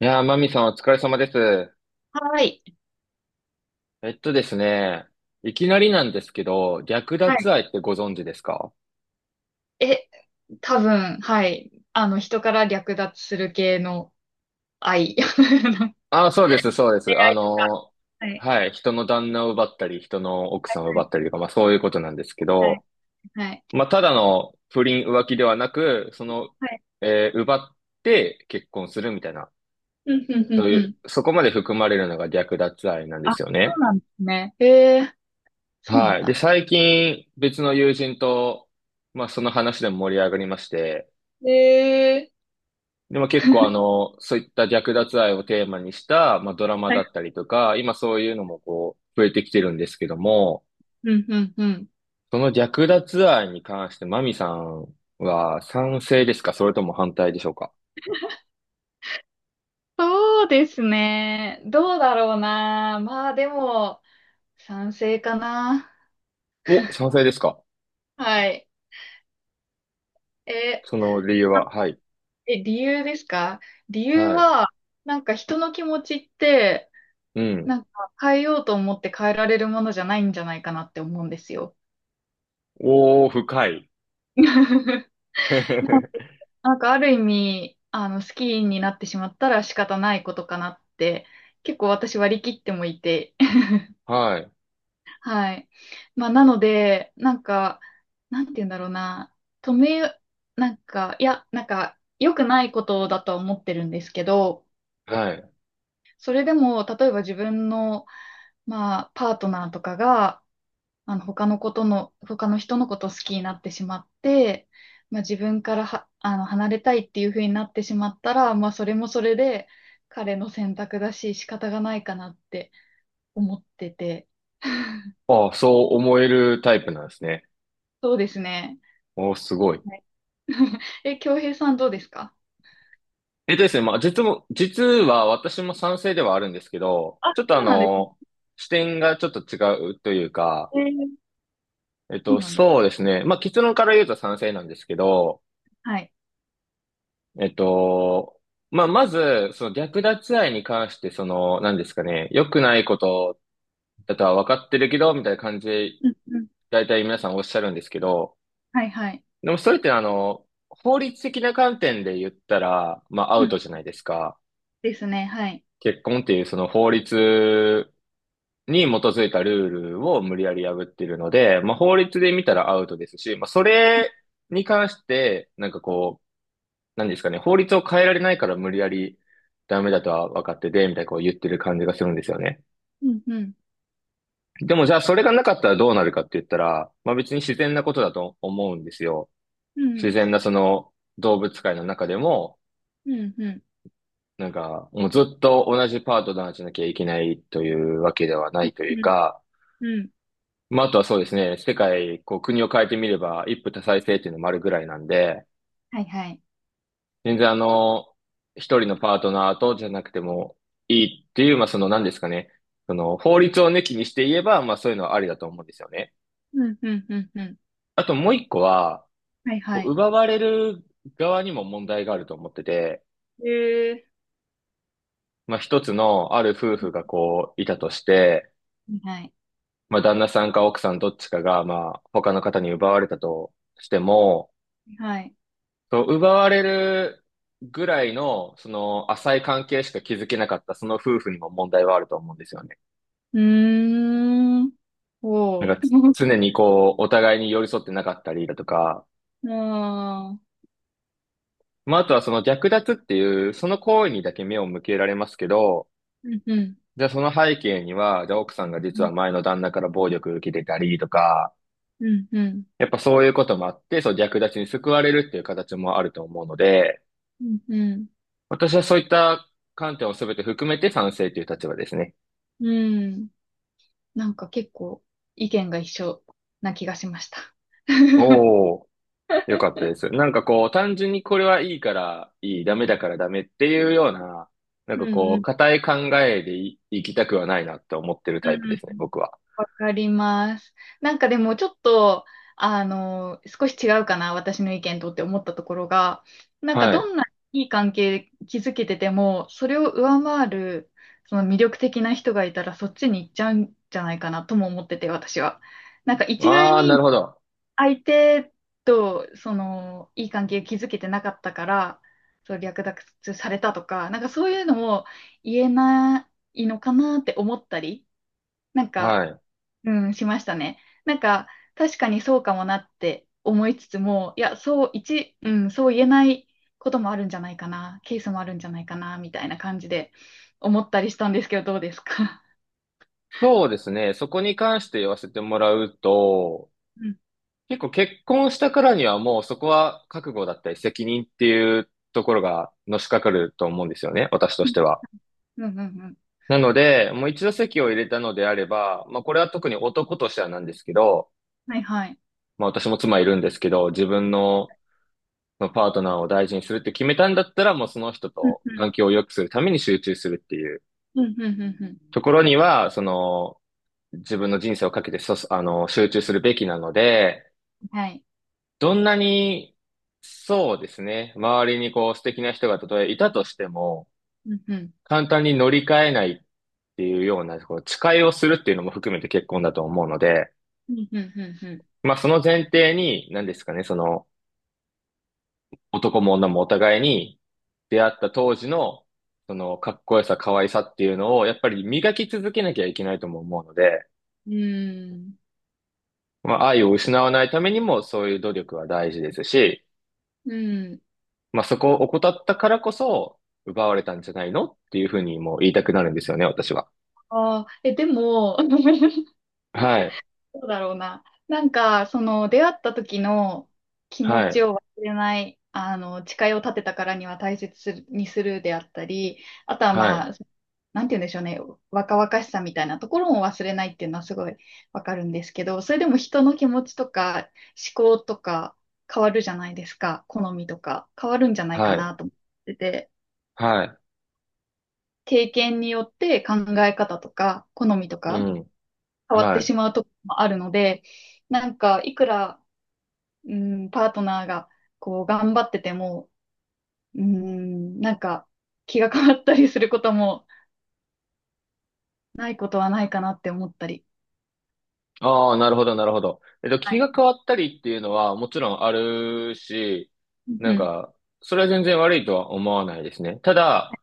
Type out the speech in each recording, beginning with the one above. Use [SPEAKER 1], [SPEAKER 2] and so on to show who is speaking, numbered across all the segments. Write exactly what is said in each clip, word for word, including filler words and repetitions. [SPEAKER 1] いやー、マミさんお疲れ様です。
[SPEAKER 2] はい。
[SPEAKER 1] えっとですね、いきなりなんですけど、略
[SPEAKER 2] はい。
[SPEAKER 1] 奪愛ってご存知ですか？
[SPEAKER 2] え、多分、はい。あの、人から略奪する系の愛。
[SPEAKER 1] ああー、そうです、そうで
[SPEAKER 2] 出
[SPEAKER 1] す。あ
[SPEAKER 2] 会いとか。
[SPEAKER 1] のー
[SPEAKER 2] はい。
[SPEAKER 1] はい、人の旦那を奪ったり、人の奥
[SPEAKER 2] は
[SPEAKER 1] さんを奪
[SPEAKER 2] い。
[SPEAKER 1] ったりとか、まあそういうことなんですけ
[SPEAKER 2] は
[SPEAKER 1] ど、
[SPEAKER 2] い。はい。
[SPEAKER 1] まあただの不倫浮気ではなく、その、
[SPEAKER 2] はい
[SPEAKER 1] えー奪って結婚するみたいな、
[SPEAKER 2] うん、うん、う
[SPEAKER 1] そ
[SPEAKER 2] ん、
[SPEAKER 1] うい
[SPEAKER 2] う
[SPEAKER 1] う、
[SPEAKER 2] ん。
[SPEAKER 1] そこまで含まれるのが略奪愛なんで
[SPEAKER 2] あ、
[SPEAKER 1] すよ
[SPEAKER 2] そう
[SPEAKER 1] ね。
[SPEAKER 2] なんですね。ええ、そうな
[SPEAKER 1] は
[SPEAKER 2] ん
[SPEAKER 1] い。で、
[SPEAKER 2] だ。
[SPEAKER 1] 最近別の友人と、まあその話でも盛り上がりまして、
[SPEAKER 2] ええ。
[SPEAKER 1] でも結構あ の、そういった略奪愛をテーマにした、まあ、ドラマ
[SPEAKER 2] は
[SPEAKER 1] だ
[SPEAKER 2] い。
[SPEAKER 1] ったりとか、今そういうのもこう、増えてきてるんですけども、
[SPEAKER 2] うん、うん、うん。
[SPEAKER 1] その略奪愛に関してマミさんは賛成ですか、それとも反対でしょうか？
[SPEAKER 2] そうですね。どうだろうな。まあ、でも、賛成かな。
[SPEAKER 1] お、賛成ですか？
[SPEAKER 2] はい。え、
[SPEAKER 1] その理由
[SPEAKER 2] あ
[SPEAKER 1] は？はい。
[SPEAKER 2] え、理由ですか？理由
[SPEAKER 1] はい。
[SPEAKER 2] は、なんか人の気持ちって、
[SPEAKER 1] うん。
[SPEAKER 2] なんか変えようと思って変えられるものじゃないんじゃないかなって思うんですよ。
[SPEAKER 1] おー、深い。
[SPEAKER 2] なんか なんかある意味、あの、好きになってしまったら仕方ないことかなって、結構私割り切ってもいて、
[SPEAKER 1] はい。
[SPEAKER 2] はい。まあ、なので、なんか、なんて言うんだろうな、止め、なんか、いや、なんか、良くないことだとは思ってるんですけど、
[SPEAKER 1] はい。
[SPEAKER 2] それでも、例えば自分の、まあ、パートナーとかが、あの、他のことの、他の人のことを好きになってしまって、まあ、自分からは、あの、離れたいっていう風になってしまったら、まあ、それもそれで彼の選択だし、仕方がないかなって思ってて。
[SPEAKER 1] ああ、そう思えるタイプなんですね。
[SPEAKER 2] そうですね。
[SPEAKER 1] おー、すごい。
[SPEAKER 2] はいえ、京平さんどうですか？
[SPEAKER 1] えっとですね、まあ、実も、実は私も賛成ではあるんですけど、
[SPEAKER 2] あ、
[SPEAKER 1] ちょっとあ
[SPEAKER 2] そうなんですね。
[SPEAKER 1] の、視点がちょっと違うというか、
[SPEAKER 2] えー
[SPEAKER 1] えっ
[SPEAKER 2] そ
[SPEAKER 1] と、
[SPEAKER 2] うなんです。
[SPEAKER 1] そうですね。まあ、結論から言うと賛成なんですけど、
[SPEAKER 2] はい。
[SPEAKER 1] えっと、まあ、まず、その略奪愛に関して、その、何ですかね、良くないことだとは分かってるけど、みたいな感じで、
[SPEAKER 2] うんうん。
[SPEAKER 1] 大体皆さんおっしゃるんですけど、
[SPEAKER 2] はいはい。
[SPEAKER 1] でもそれってあの、法律的な観点で言ったら、まあ、ア
[SPEAKER 2] う
[SPEAKER 1] ウ
[SPEAKER 2] ん。
[SPEAKER 1] トじゃないですか。
[SPEAKER 2] ですね。はい。
[SPEAKER 1] 結婚っていうその法律に基づいたルールを無理やり破ってるので、まあ、法律で見たらアウトですし、まあ、それに関して、なんかこう、何ですかね、法律を変えられないから無理やりダメだとは分かってて、みたいなこう言ってる感じがするんですよね。
[SPEAKER 2] うんうん。
[SPEAKER 1] でもじゃあそれがなかったらどうなるかって言ったら、まあ別に自然なことだと思うんですよ。
[SPEAKER 2] うん。
[SPEAKER 1] 自然なその動物界の中でも、
[SPEAKER 2] うんうん。
[SPEAKER 1] なんかもうずっと同じパートナーじゃなきゃいけないというわけではないと
[SPEAKER 2] う
[SPEAKER 1] いう
[SPEAKER 2] ん
[SPEAKER 1] か、
[SPEAKER 2] うん。
[SPEAKER 1] まあ、あとはそうですね、世界、こう、国を変えてみれば、一夫多妻制っていうのもあるぐらいなんで、
[SPEAKER 2] はいはい。
[SPEAKER 1] 全然あの、一人のパートナーとじゃなくてもいいっていう、まあ、その何ですかね、その、法律を抜きにして言えば、まあ、そういうのはありだと思うんですよね。
[SPEAKER 2] うんうんうんうん。
[SPEAKER 1] あともう一個は、
[SPEAKER 2] はい
[SPEAKER 1] こ
[SPEAKER 2] は
[SPEAKER 1] う
[SPEAKER 2] い。
[SPEAKER 1] 奪われる側にも問題があると思ってて、
[SPEAKER 2] えー。
[SPEAKER 1] まあ、一つのある夫婦がこう、いたとして、
[SPEAKER 2] はいはい。
[SPEAKER 1] まあ、旦那さんか奥さんどっちかが、まあ、他の方に奪われたとしても、
[SPEAKER 2] はい。
[SPEAKER 1] そう、奪われるぐらいの、その、浅い関係しか築けなかった、その夫婦にも問題はあると思うんですよね。
[SPEAKER 2] うーん。お
[SPEAKER 1] な
[SPEAKER 2] う。
[SPEAKER 1] んか、つ常 にこう、お互いに寄り添ってなかったりだとか、
[SPEAKER 2] ああ。
[SPEAKER 1] まあ、あとはその略奪っていう、その行為にだけ目を向けられますけど、
[SPEAKER 2] うんうん。
[SPEAKER 1] じゃあその背景には、じゃあ奥さんが
[SPEAKER 2] う
[SPEAKER 1] 実は
[SPEAKER 2] ん
[SPEAKER 1] 前の旦那から暴力を受けてたりとか、
[SPEAKER 2] うんうん。
[SPEAKER 1] やっぱそういうこともあって、そう、略奪に救われるっていう形もあると思うので、
[SPEAKER 2] うんうん。
[SPEAKER 1] 私はそういった観点を全て含めて賛成という立場ですね。
[SPEAKER 2] うんなんか結構意見が一緒な気がしました。
[SPEAKER 1] おお。よかったです。なんかこう、単純にこれはいいからいい、ダメだからダメっていうような、なん
[SPEAKER 2] う
[SPEAKER 1] か
[SPEAKER 2] ん
[SPEAKER 1] こ
[SPEAKER 2] う
[SPEAKER 1] う、
[SPEAKER 2] ん。
[SPEAKER 1] 固い考えでい、生きたくはないなって思ってるタイプ
[SPEAKER 2] う
[SPEAKER 1] で
[SPEAKER 2] ん
[SPEAKER 1] すね、僕は。
[SPEAKER 2] わかります。なんかでもちょっと、あの、少し違うかな、私の意見とって思ったところが、なんか
[SPEAKER 1] は
[SPEAKER 2] ど
[SPEAKER 1] い。
[SPEAKER 2] んないい関係築けてても、それを上回る、その魅力的な人がいたら、そっちに行っちゃうんじゃないかなとも思ってて、私は。なんか一概
[SPEAKER 1] ああ、な
[SPEAKER 2] に
[SPEAKER 1] るほど。
[SPEAKER 2] 相手と、その、いい関係築けてなかったから、そう、略奪されたとか、なんかそういうのも言えないのかなって思ったり、なん
[SPEAKER 1] は
[SPEAKER 2] か、
[SPEAKER 1] い。
[SPEAKER 2] うん、しましたね。なんか、確かにそうかもなって思いつつも、いや、そう、一、うん、そう言えないこともあるんじゃないかな、ケースもあるんじゃないかな、みたいな感じで思ったりしたんですけど、どうですか？
[SPEAKER 1] そうですね。そこに関して言わせてもらうと、
[SPEAKER 2] うん。
[SPEAKER 1] 結構結婚したからにはもうそこは覚悟だったり責任っていうところがのしかかると思うんですよね。私としては。
[SPEAKER 2] うん、うん、うん。
[SPEAKER 1] なので、もう一度籍を入れたのであれば、まあこれは特に男としてはなんですけど、
[SPEAKER 2] はいはい。
[SPEAKER 1] まあ私も妻いるんですけど、自分のまあパートナーを大事にするって決めたんだったら、もうその人
[SPEAKER 2] うん、
[SPEAKER 1] と
[SPEAKER 2] うん、
[SPEAKER 1] 環境を良くするために集中するっていう
[SPEAKER 2] うん、うん、うん。うん
[SPEAKER 1] ところには、その自分の人生をかけてそ、あの、集中するべきなので、
[SPEAKER 2] はい。
[SPEAKER 1] どんなに、そうですね、周りにこう素敵な人がたとえいたとしても、
[SPEAKER 2] うん、うん、
[SPEAKER 1] 簡単に乗り換えないっていうような、こう誓いをするっていうのも含めて結婚だと思うので、
[SPEAKER 2] うん、うん、
[SPEAKER 1] まあその前提に、何ですかね、その男も女もお互いに、出会った当時の、その、かっこよさ、可愛さっていうのを、やっぱり磨き続けなきゃいけないとも思うので、
[SPEAKER 2] うん。うん、うーん。
[SPEAKER 1] まあ、愛を失わないためにも、そういう努力は大事ですし、
[SPEAKER 2] うん
[SPEAKER 1] まあ、そこを怠ったからこそ、奪われたんじゃないのっていうふうにもう言いたくなるんですよね、私は。
[SPEAKER 2] ああえ、でも、
[SPEAKER 1] はい、
[SPEAKER 2] どうだろうな。なんか、その、出会った時の気持
[SPEAKER 1] は
[SPEAKER 2] ち
[SPEAKER 1] い、
[SPEAKER 2] を忘れない、あの、誓いを立てたからには大切するにするであったり、あとは
[SPEAKER 1] はい、
[SPEAKER 2] まあ、なんて言うんでしょうね、若々しさみたいなところも忘れないっていうのはすごいわかるんですけど、それでも人の気持ちとか思考とか変わるじゃないですか、好みとか変わるんじゃないか
[SPEAKER 1] はい、
[SPEAKER 2] なと思ってて、
[SPEAKER 1] はい、
[SPEAKER 2] 経験によって考え方とか好みと
[SPEAKER 1] う
[SPEAKER 2] か
[SPEAKER 1] ん、
[SPEAKER 2] 変わっ
[SPEAKER 1] は
[SPEAKER 2] て
[SPEAKER 1] い。
[SPEAKER 2] しまうところもあるので、なんか、いくら、うん、パートナーがこう頑張ってても、うん、なんか気が変わったりすることもないことはないかなって思ったり。
[SPEAKER 1] ああ、なるほど、なるほど。えっと、
[SPEAKER 2] は
[SPEAKER 1] 気
[SPEAKER 2] い。
[SPEAKER 1] が変わったりっていうのはもちろんあるし、な
[SPEAKER 2] う
[SPEAKER 1] ん
[SPEAKER 2] ん。
[SPEAKER 1] か、それは全然悪いとは思わないですね。ただ、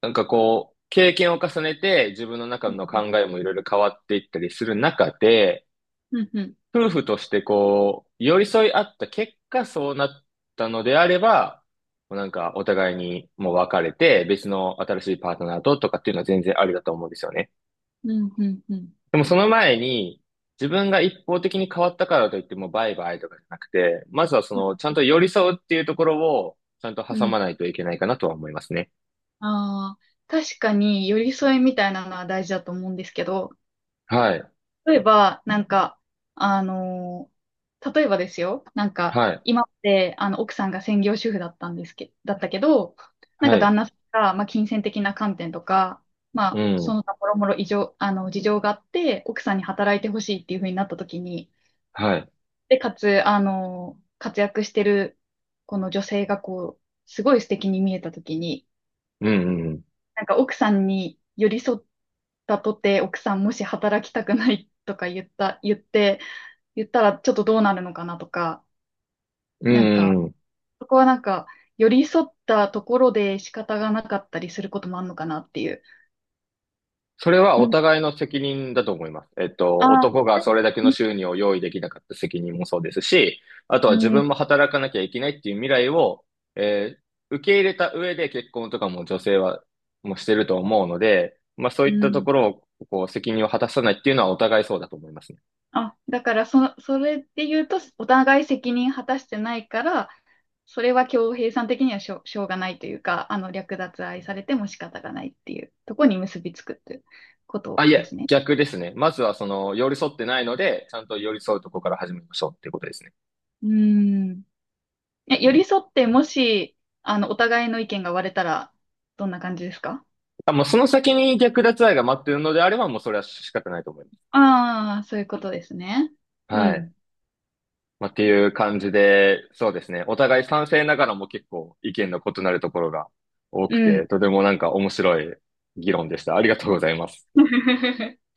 [SPEAKER 1] なんかこう、経験を重ねて自分の中
[SPEAKER 2] うん。
[SPEAKER 1] の考えもいろいろ変わっていったりする中で、
[SPEAKER 2] うん。うん。
[SPEAKER 1] 夫婦としてこう、寄り添い合った結果そうなったのであれば、もうなんかお互いにもう別れて別の新しいパートナーととかっていうのは全然ありだと思うんですよね。
[SPEAKER 2] うん。うん。
[SPEAKER 1] でもその前に自分が一方的に変わったからといってもうバイバイとかじゃなくて、まずはそのちゃんと寄り添うっていうところをちゃんと
[SPEAKER 2] う
[SPEAKER 1] 挟
[SPEAKER 2] ん。
[SPEAKER 1] まないといけないかなとは思いますね。
[SPEAKER 2] ああー、確かに寄り添いみたいなのは大事だと思うんですけど、
[SPEAKER 1] はい。
[SPEAKER 2] 例えば、なんか、あのー例えばですよ、なんか、
[SPEAKER 1] はい。
[SPEAKER 2] 今って、あの、奥さんが専業主婦だったんですけ、だったけど、なん
[SPEAKER 1] は
[SPEAKER 2] か
[SPEAKER 1] い。
[SPEAKER 2] 旦那さんが、まあ、金銭的な観点とか、ま
[SPEAKER 1] う
[SPEAKER 2] あ、そ
[SPEAKER 1] ん。
[SPEAKER 2] の他もろもろ異常、あの、事情があって、奥さんに働いてほしいっていう風になった時に、
[SPEAKER 1] はい。
[SPEAKER 2] で、かつ、あのー活躍してる、この女性がこう、すごい素敵に見えた時に、
[SPEAKER 1] うんうん。
[SPEAKER 2] なんか奥さんに寄り添ったとて、奥さんもし働きたくないとか言った、言って、言ったらちょっとどうなるのかなとか、
[SPEAKER 1] う
[SPEAKER 2] なんか、
[SPEAKER 1] んうん。
[SPEAKER 2] そこはなんか、寄り添ったところで仕方がなかったりすることもあるのかなっていう。
[SPEAKER 1] それは
[SPEAKER 2] う
[SPEAKER 1] お
[SPEAKER 2] ん。
[SPEAKER 1] 互いの責任だと思います。えっと、
[SPEAKER 2] あ
[SPEAKER 1] 男が
[SPEAKER 2] ー、
[SPEAKER 1] それだけの収入を用意できなかった責任もそうですし、あと
[SPEAKER 2] う
[SPEAKER 1] は自
[SPEAKER 2] ん、
[SPEAKER 1] 分も働かなきゃいけないっていう未来を、えー受け入れた上で結婚とかも女性はもうしてると思うので、まあそう
[SPEAKER 2] う
[SPEAKER 1] いったと
[SPEAKER 2] ん。
[SPEAKER 1] ころをこう責任を果たさないっていうのはお互いそうだと思いますね。
[SPEAKER 2] あ、だからそ、それで言うと、お互い責任果たしてないから、それは恭平さん的にはしょう、しょうがないというか、あの、略奪愛されても仕方がないっていうところに結びつくっていうこ
[SPEAKER 1] あ、
[SPEAKER 2] と
[SPEAKER 1] い
[SPEAKER 2] で
[SPEAKER 1] や、
[SPEAKER 2] すね。
[SPEAKER 1] 逆ですね。まずはその寄り添ってないので、ちゃんと寄り添うとこから始めましょうっていうことですね。
[SPEAKER 2] うん。え、寄り添って、もし、あの、お互いの意見が割れたら、どんな感じですか？
[SPEAKER 1] あ、もうその先に略奪愛が待ってるのであれば、もうそれは仕方ないと思います。
[SPEAKER 2] ああー、そういうことですね。う
[SPEAKER 1] はい。
[SPEAKER 2] ん。
[SPEAKER 1] まあ、っていう感じで、そうですね。お互い賛成ながらも結構意見の異なるところが多
[SPEAKER 2] う
[SPEAKER 1] く
[SPEAKER 2] ん。
[SPEAKER 1] て、とてもなんか面白い議論でした。ありがとうございます。